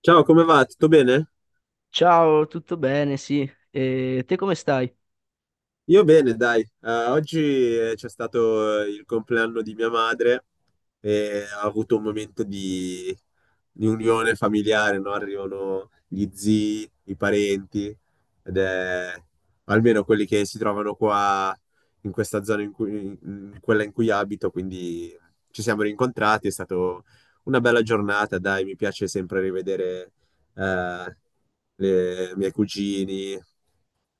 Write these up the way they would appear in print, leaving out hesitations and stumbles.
Ciao, come va? Tutto bene? Ciao, tutto bene? Sì. E te come stai? Io bene, dai. Oggi c'è stato il compleanno di mia madre e ha avuto un momento di unione familiare, no? Arrivano gli zii, i parenti, ed è almeno quelli che si trovano qua in questa zona, in quella in cui abito, quindi ci siamo rincontrati, è stata una bella giornata, dai, mi piace sempre rivedere eh, i miei cugini.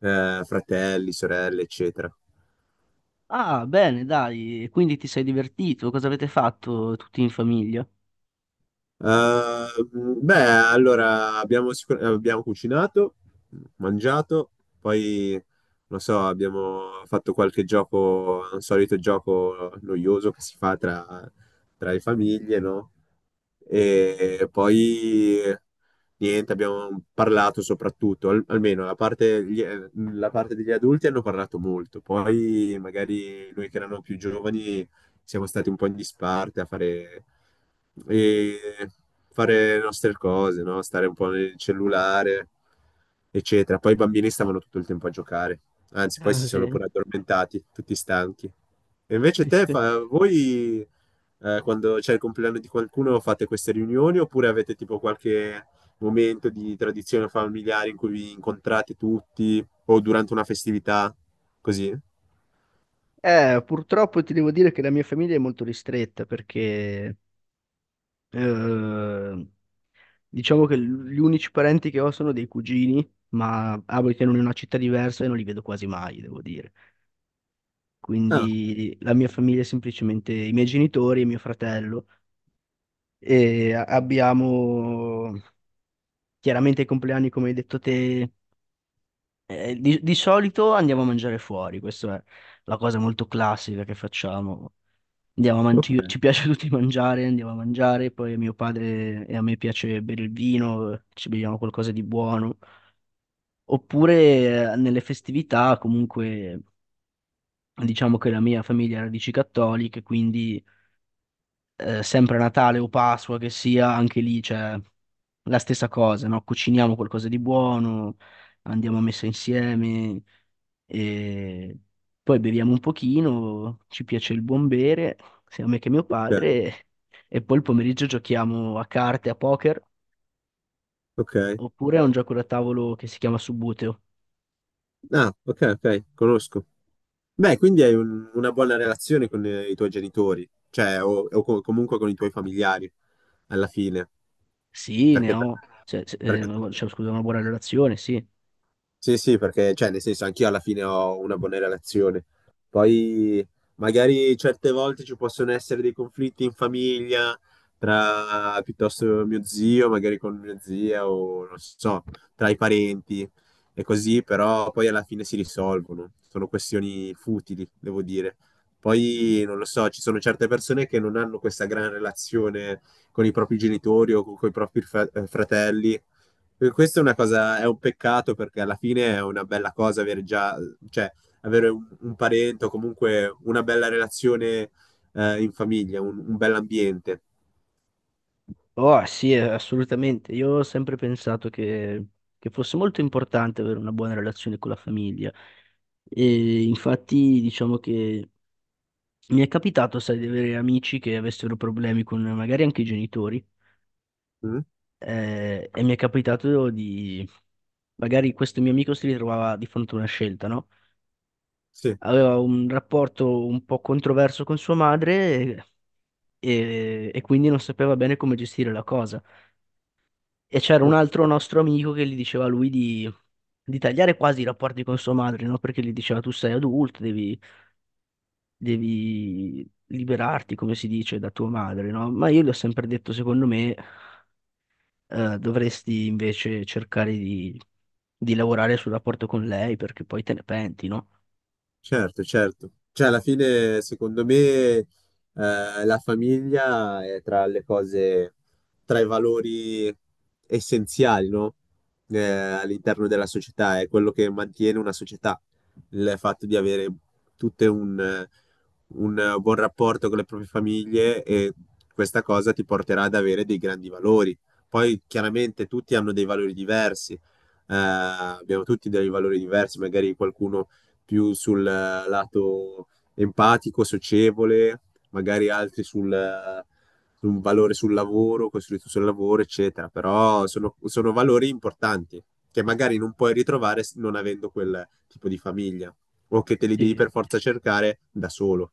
Fratelli, sorelle, eccetera. Ah, bene, dai. Quindi ti sei divertito? Cosa avete fatto tutti in famiglia? Eh, Beh, allora abbiamo cucinato, mangiato, poi non so, abbiamo fatto qualche gioco, un solito gioco noioso che si fa tra le famiglie, no? E poi niente, abbiamo parlato soprattutto, almeno la parte, gli- la parte degli adulti hanno parlato molto, poi magari noi che erano più giovani siamo stati un po' in disparte a e fare le nostre cose, no? Stare un po' nel cellulare, eccetera. Poi i bambini stavano tutto il tempo a giocare, anzi, poi Ah, si sono sì. pure addormentati, tutti stanchi. E invece te, voi quando c'è il compleanno di qualcuno fate queste riunioni oppure avete tipo qualche momento di tradizione familiare in cui vi incontrate tutti o durante una festività, così? Purtroppo ti devo dire che la mia famiglia è molto ristretta perché eh, diciamo che gli unici parenti che ho sono dei cugini, ma abitano in una città diversa e non li vedo quasi mai, devo dire. Ah, Quindi la mia famiglia è semplicemente i miei genitori e mio fratello e abbiamo. Chiaramente i compleanni, come hai detto te, di solito andiamo a mangiare fuori, questa è la cosa molto classica che facciamo. Ci, ci ok, piace a tutti mangiare, andiamo a mangiare, poi a mio padre e a me piace bere il vino, ci beviamo qualcosa di buono. Oppure nelle festività, comunque, diciamo che la mia famiglia ha radici cattoliche, quindi sempre Natale o Pasqua che sia, anche lì c'è la stessa cosa, no? Cuciniamo qualcosa di buono, andiamo a messa insieme e poi beviamo un pochino, ci piace il buon bere, sia a me che a mio ok, padre, e poi il pomeriggio giochiamo a carte, a poker, ok. oppure a un gioco da tavolo che si chiama Subbuteo. Ah, ok, ok, conosco. Beh, quindi hai una buona relazione con i tuoi genitori, cioè, o co- comunque con i tuoi familiari, alla fine, Sì, ne perché, ho, perché- scusa, una buona relazione, sì. sì, sì, perché, cioè, nel senso, anch'io alla fine ho una buona relazione. Poi, magari certe volte ci possono essere dei conflitti in famiglia, tra piuttosto mio zio, magari con mia zia, o non so, tra i parenti e così, però poi alla fine si risolvono. Sono questioni futili, devo dire. Poi, non lo so, ci sono certe persone che non hanno questa gran relazione con i propri genitori o con i propri fratelli e questa è una cosa, è un peccato perché alla fine è una bella cosa avere già, cioè, avere un parente o comunque una bella relazione in famiglia, un bell'ambiente. Oh, sì, assolutamente. Io ho sempre pensato che fosse molto importante avere una buona relazione con la famiglia. E infatti, diciamo che mi è capitato, sai, di avere amici che avessero problemi con magari anche i genitori. Mm? E mi è capitato di, magari questo mio amico si ritrovava di fronte a una scelta, no? Sì, Aveva un rapporto un po' controverso con sua madre e quindi non sapeva bene come gestire la cosa. E c'era un ok. altro nostro amico che gli diceva a lui di tagliare quasi i rapporti con sua madre, no? Perché gli diceva tu sei adulto, devi liberarti, come si dice, da tua madre, no? Ma io gli ho sempre detto, secondo me, dovresti invece cercare di lavorare sul rapporto con lei perché poi te ne penti, no? Certo, certo. Cioè, alla fine, secondo me, la famiglia è tra le cose, tra i valori essenziali, no? All'interno della società, è quello che mantiene una società, il fatto di avere tutte un buon rapporto con le proprie famiglie e questa cosa ti porterà ad avere dei grandi valori. Poi, chiaramente, tutti hanno dei valori diversi. Abbiamo tutti dei valori diversi, magari qualcuno più sul lato empatico, socievole, magari altri sul, su un valore sul lavoro, costruito sul lavoro, eccetera. Però sono valori importanti che magari non puoi ritrovare non avendo quel tipo di famiglia o che te li devi Sì, per forza cercare da solo.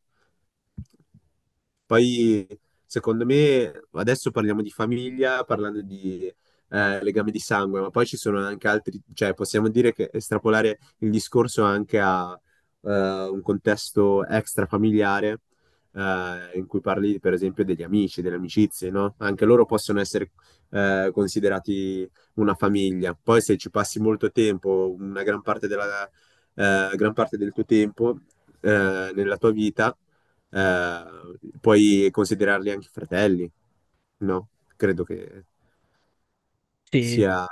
Poi, secondo me, adesso parliamo di famiglia, parlando di legame di sangue, ma poi ci sono anche altri, cioè possiamo dire che estrapolare il discorso anche a eh, un contesto extrafamiliare in cui parli per esempio degli amici, delle amicizie, no? Anche loro possono essere considerati una famiglia. Poi se ci passi molto tempo, una gran parte, della, gran parte del tuo tempo nella tua vita, eh, puoi considerarli anche fratelli, no? Credo che sì. sia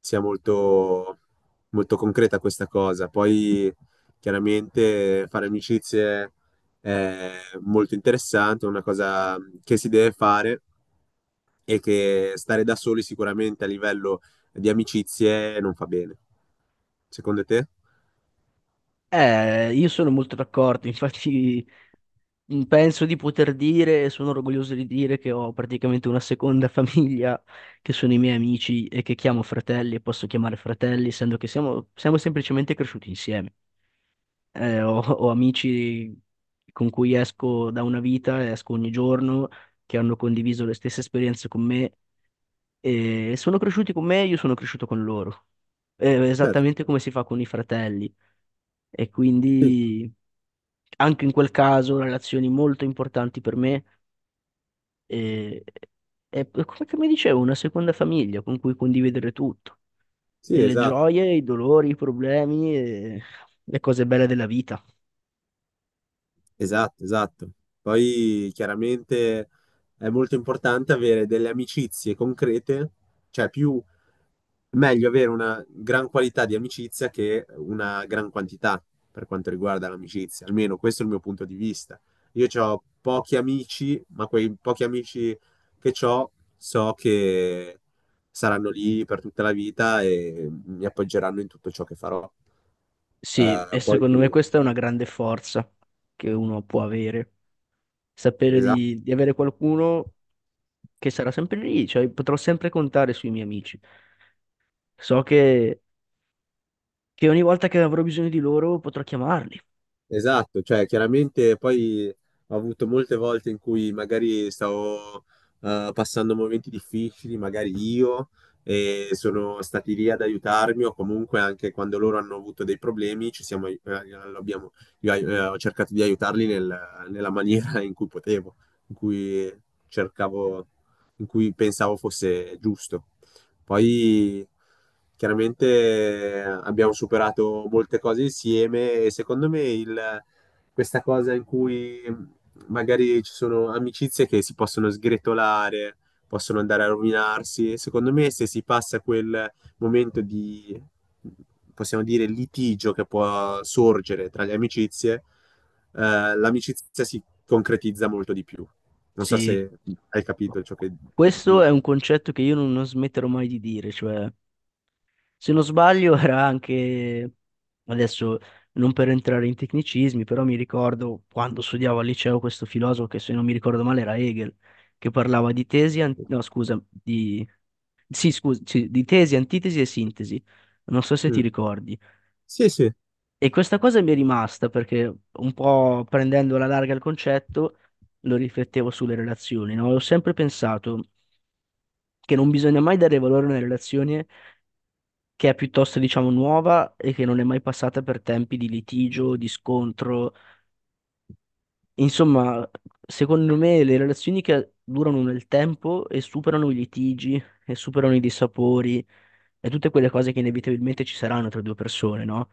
sia molto, molto concreta questa cosa. Poi chiaramente fare amicizie è molto interessante, è una cosa che si deve fare e che stare da soli sicuramente a livello di amicizie non fa bene. Secondo te? Io sono molto d'accordo, infatti. Mm, penso di poter dire, e sono orgoglioso di dire che ho praticamente una seconda famiglia, che sono i miei amici e che chiamo fratelli e posso chiamare fratelli, essendo che siamo semplicemente cresciuti insieme. Ho amici con cui esco da una vita, esco ogni giorno, che hanno condiviso le stesse esperienze con me e sono cresciuti con me e io sono cresciuto con loro. Certo, Esattamente come si fa con i fratelli. E sì, quindi anche in quel caso relazioni molto importanti per me e, è come che mi dicevo, una seconda famiglia con cui condividere tutto, e sì, le esatto. gioie, i dolori, i problemi e le cose belle della vita. Esatto, esatto. Poi chiaramente è molto importante avere delle amicizie concrete, cioè più meglio avere una gran qualità di amicizia che una gran quantità per quanto riguarda l'amicizia, almeno questo è il mio punto di vista. Io ho pochi amici, ma quei pochi amici che ho so che saranno lì per tutta la vita e mi appoggeranno in tutto ciò che farò. Sì, e Poi, secondo me questa è una grande forza che uno può avere, sapere esatto. Di avere qualcuno che sarà sempre lì, cioè potrò sempre contare sui miei amici. So che ogni volta che avrò bisogno di loro potrò chiamarli. Esatto, cioè chiaramente poi ho avuto molte volte in cui magari stavo passando momenti difficili, magari io, e sono stati lì ad aiutarmi o comunque anche quando loro hanno avuto dei problemi ci siamo, ai- lo abbiamo- io ai- ho cercato di aiutarli nella maniera in cui potevo, in cui cercavo, in cui pensavo fosse giusto. Poi chiaramente abbiamo superato molte cose insieme e secondo me, questa cosa in cui magari ci sono amicizie che si possono sgretolare, possono andare a rovinarsi, secondo me se si passa quel momento di, possiamo dire, litigio che può sorgere tra le amicizie, l'amicizia si concretizza molto di più. Non so Sì, se hai capito ciò che questo è dico. un concetto che io non smetterò mai di dire, cioè... Se non sbaglio era anche, adesso non per entrare in tecnicismi, però mi ricordo quando studiavo al liceo questo filosofo che se non mi ricordo male era Hegel, che parlava di tesi, an- no scusa, di, sì, scusa, sì, di tesi, antitesi e sintesi. Non so se ti Mm. ricordi. Sì, sì. E questa cosa mi è rimasta perché un po' prendendo alla larga il concetto lo riflettevo sulle relazioni, no? Ho sempre pensato che non bisogna mai dare valore a una relazione che è piuttosto, diciamo, nuova e che non è mai passata per tempi di litigio, di scontro. Insomma, secondo me le relazioni che durano nel tempo e superano i litigi e superano i dissapori e tutte quelle cose che inevitabilmente ci saranno tra due persone, no?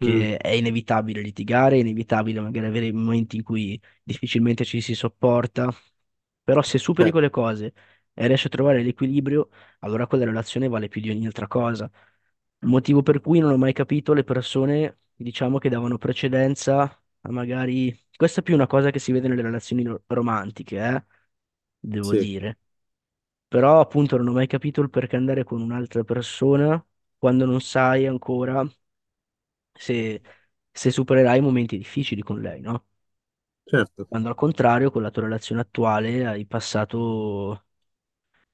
Mm, è inevitabile litigare, è inevitabile magari avere momenti in cui difficilmente ci si sopporta, però se superi certo, quelle cose e riesci a trovare l'equilibrio, allora quella relazione vale più di ogni altra cosa. Il motivo per cui non ho mai capito le persone, diciamo, che davano precedenza a magari, questa è più una cosa che si vede nelle relazioni romantiche, devo sì, dire. Però appunto non ho mai capito il perché andare con un'altra persona quando non sai ancora se, se supererai momenti difficili con lei, no? certo, Quando al contrario con la tua relazione attuale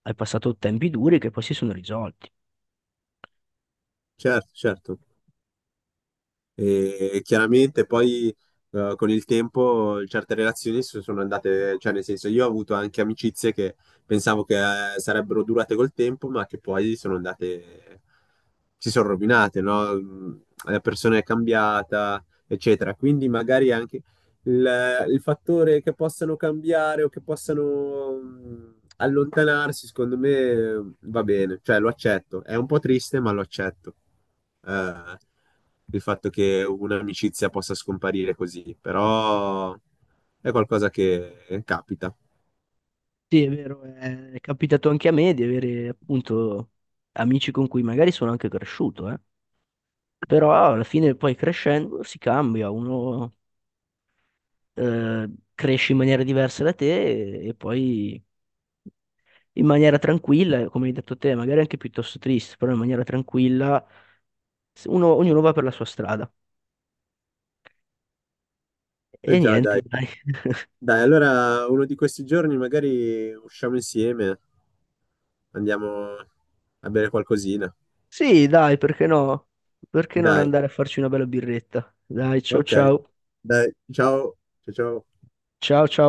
hai passato tempi duri che poi si sono risolti. certo, certo. E chiaramente poi con il tempo certe relazioni si sono andate, cioè nel senso io ho avuto anche amicizie che pensavo che sarebbero durate col tempo, ma che poi sono andate, si sono rovinate, no? Mm, la persona è cambiata, eccetera. Quindi magari anche il fattore che possano cambiare o che possano allontanarsi, secondo me va bene, cioè lo accetto. È un po' triste, ma lo accetto. Eh, il fatto che un'amicizia possa scomparire così, però è qualcosa che capita. Sì, è vero, è capitato anche a me di avere appunto amici con cui magari sono anche cresciuto, eh. Però alla fine poi crescendo si cambia, uno eh, cresci in maniera diversa da te e poi in maniera tranquilla, come hai detto te, magari anche piuttosto triste, però in maniera tranquilla, ognuno va per la sua strada. E E già, niente, dai. dai. Dai, allora uno di questi giorni magari usciamo insieme, andiamo a bere qualcosina. Sì, dai, perché no? Perché non Dai, andare a farci una bella birretta? Dai, ciao ok. ciao. Dai, ciao. Ciao ciao. Ciao ciao.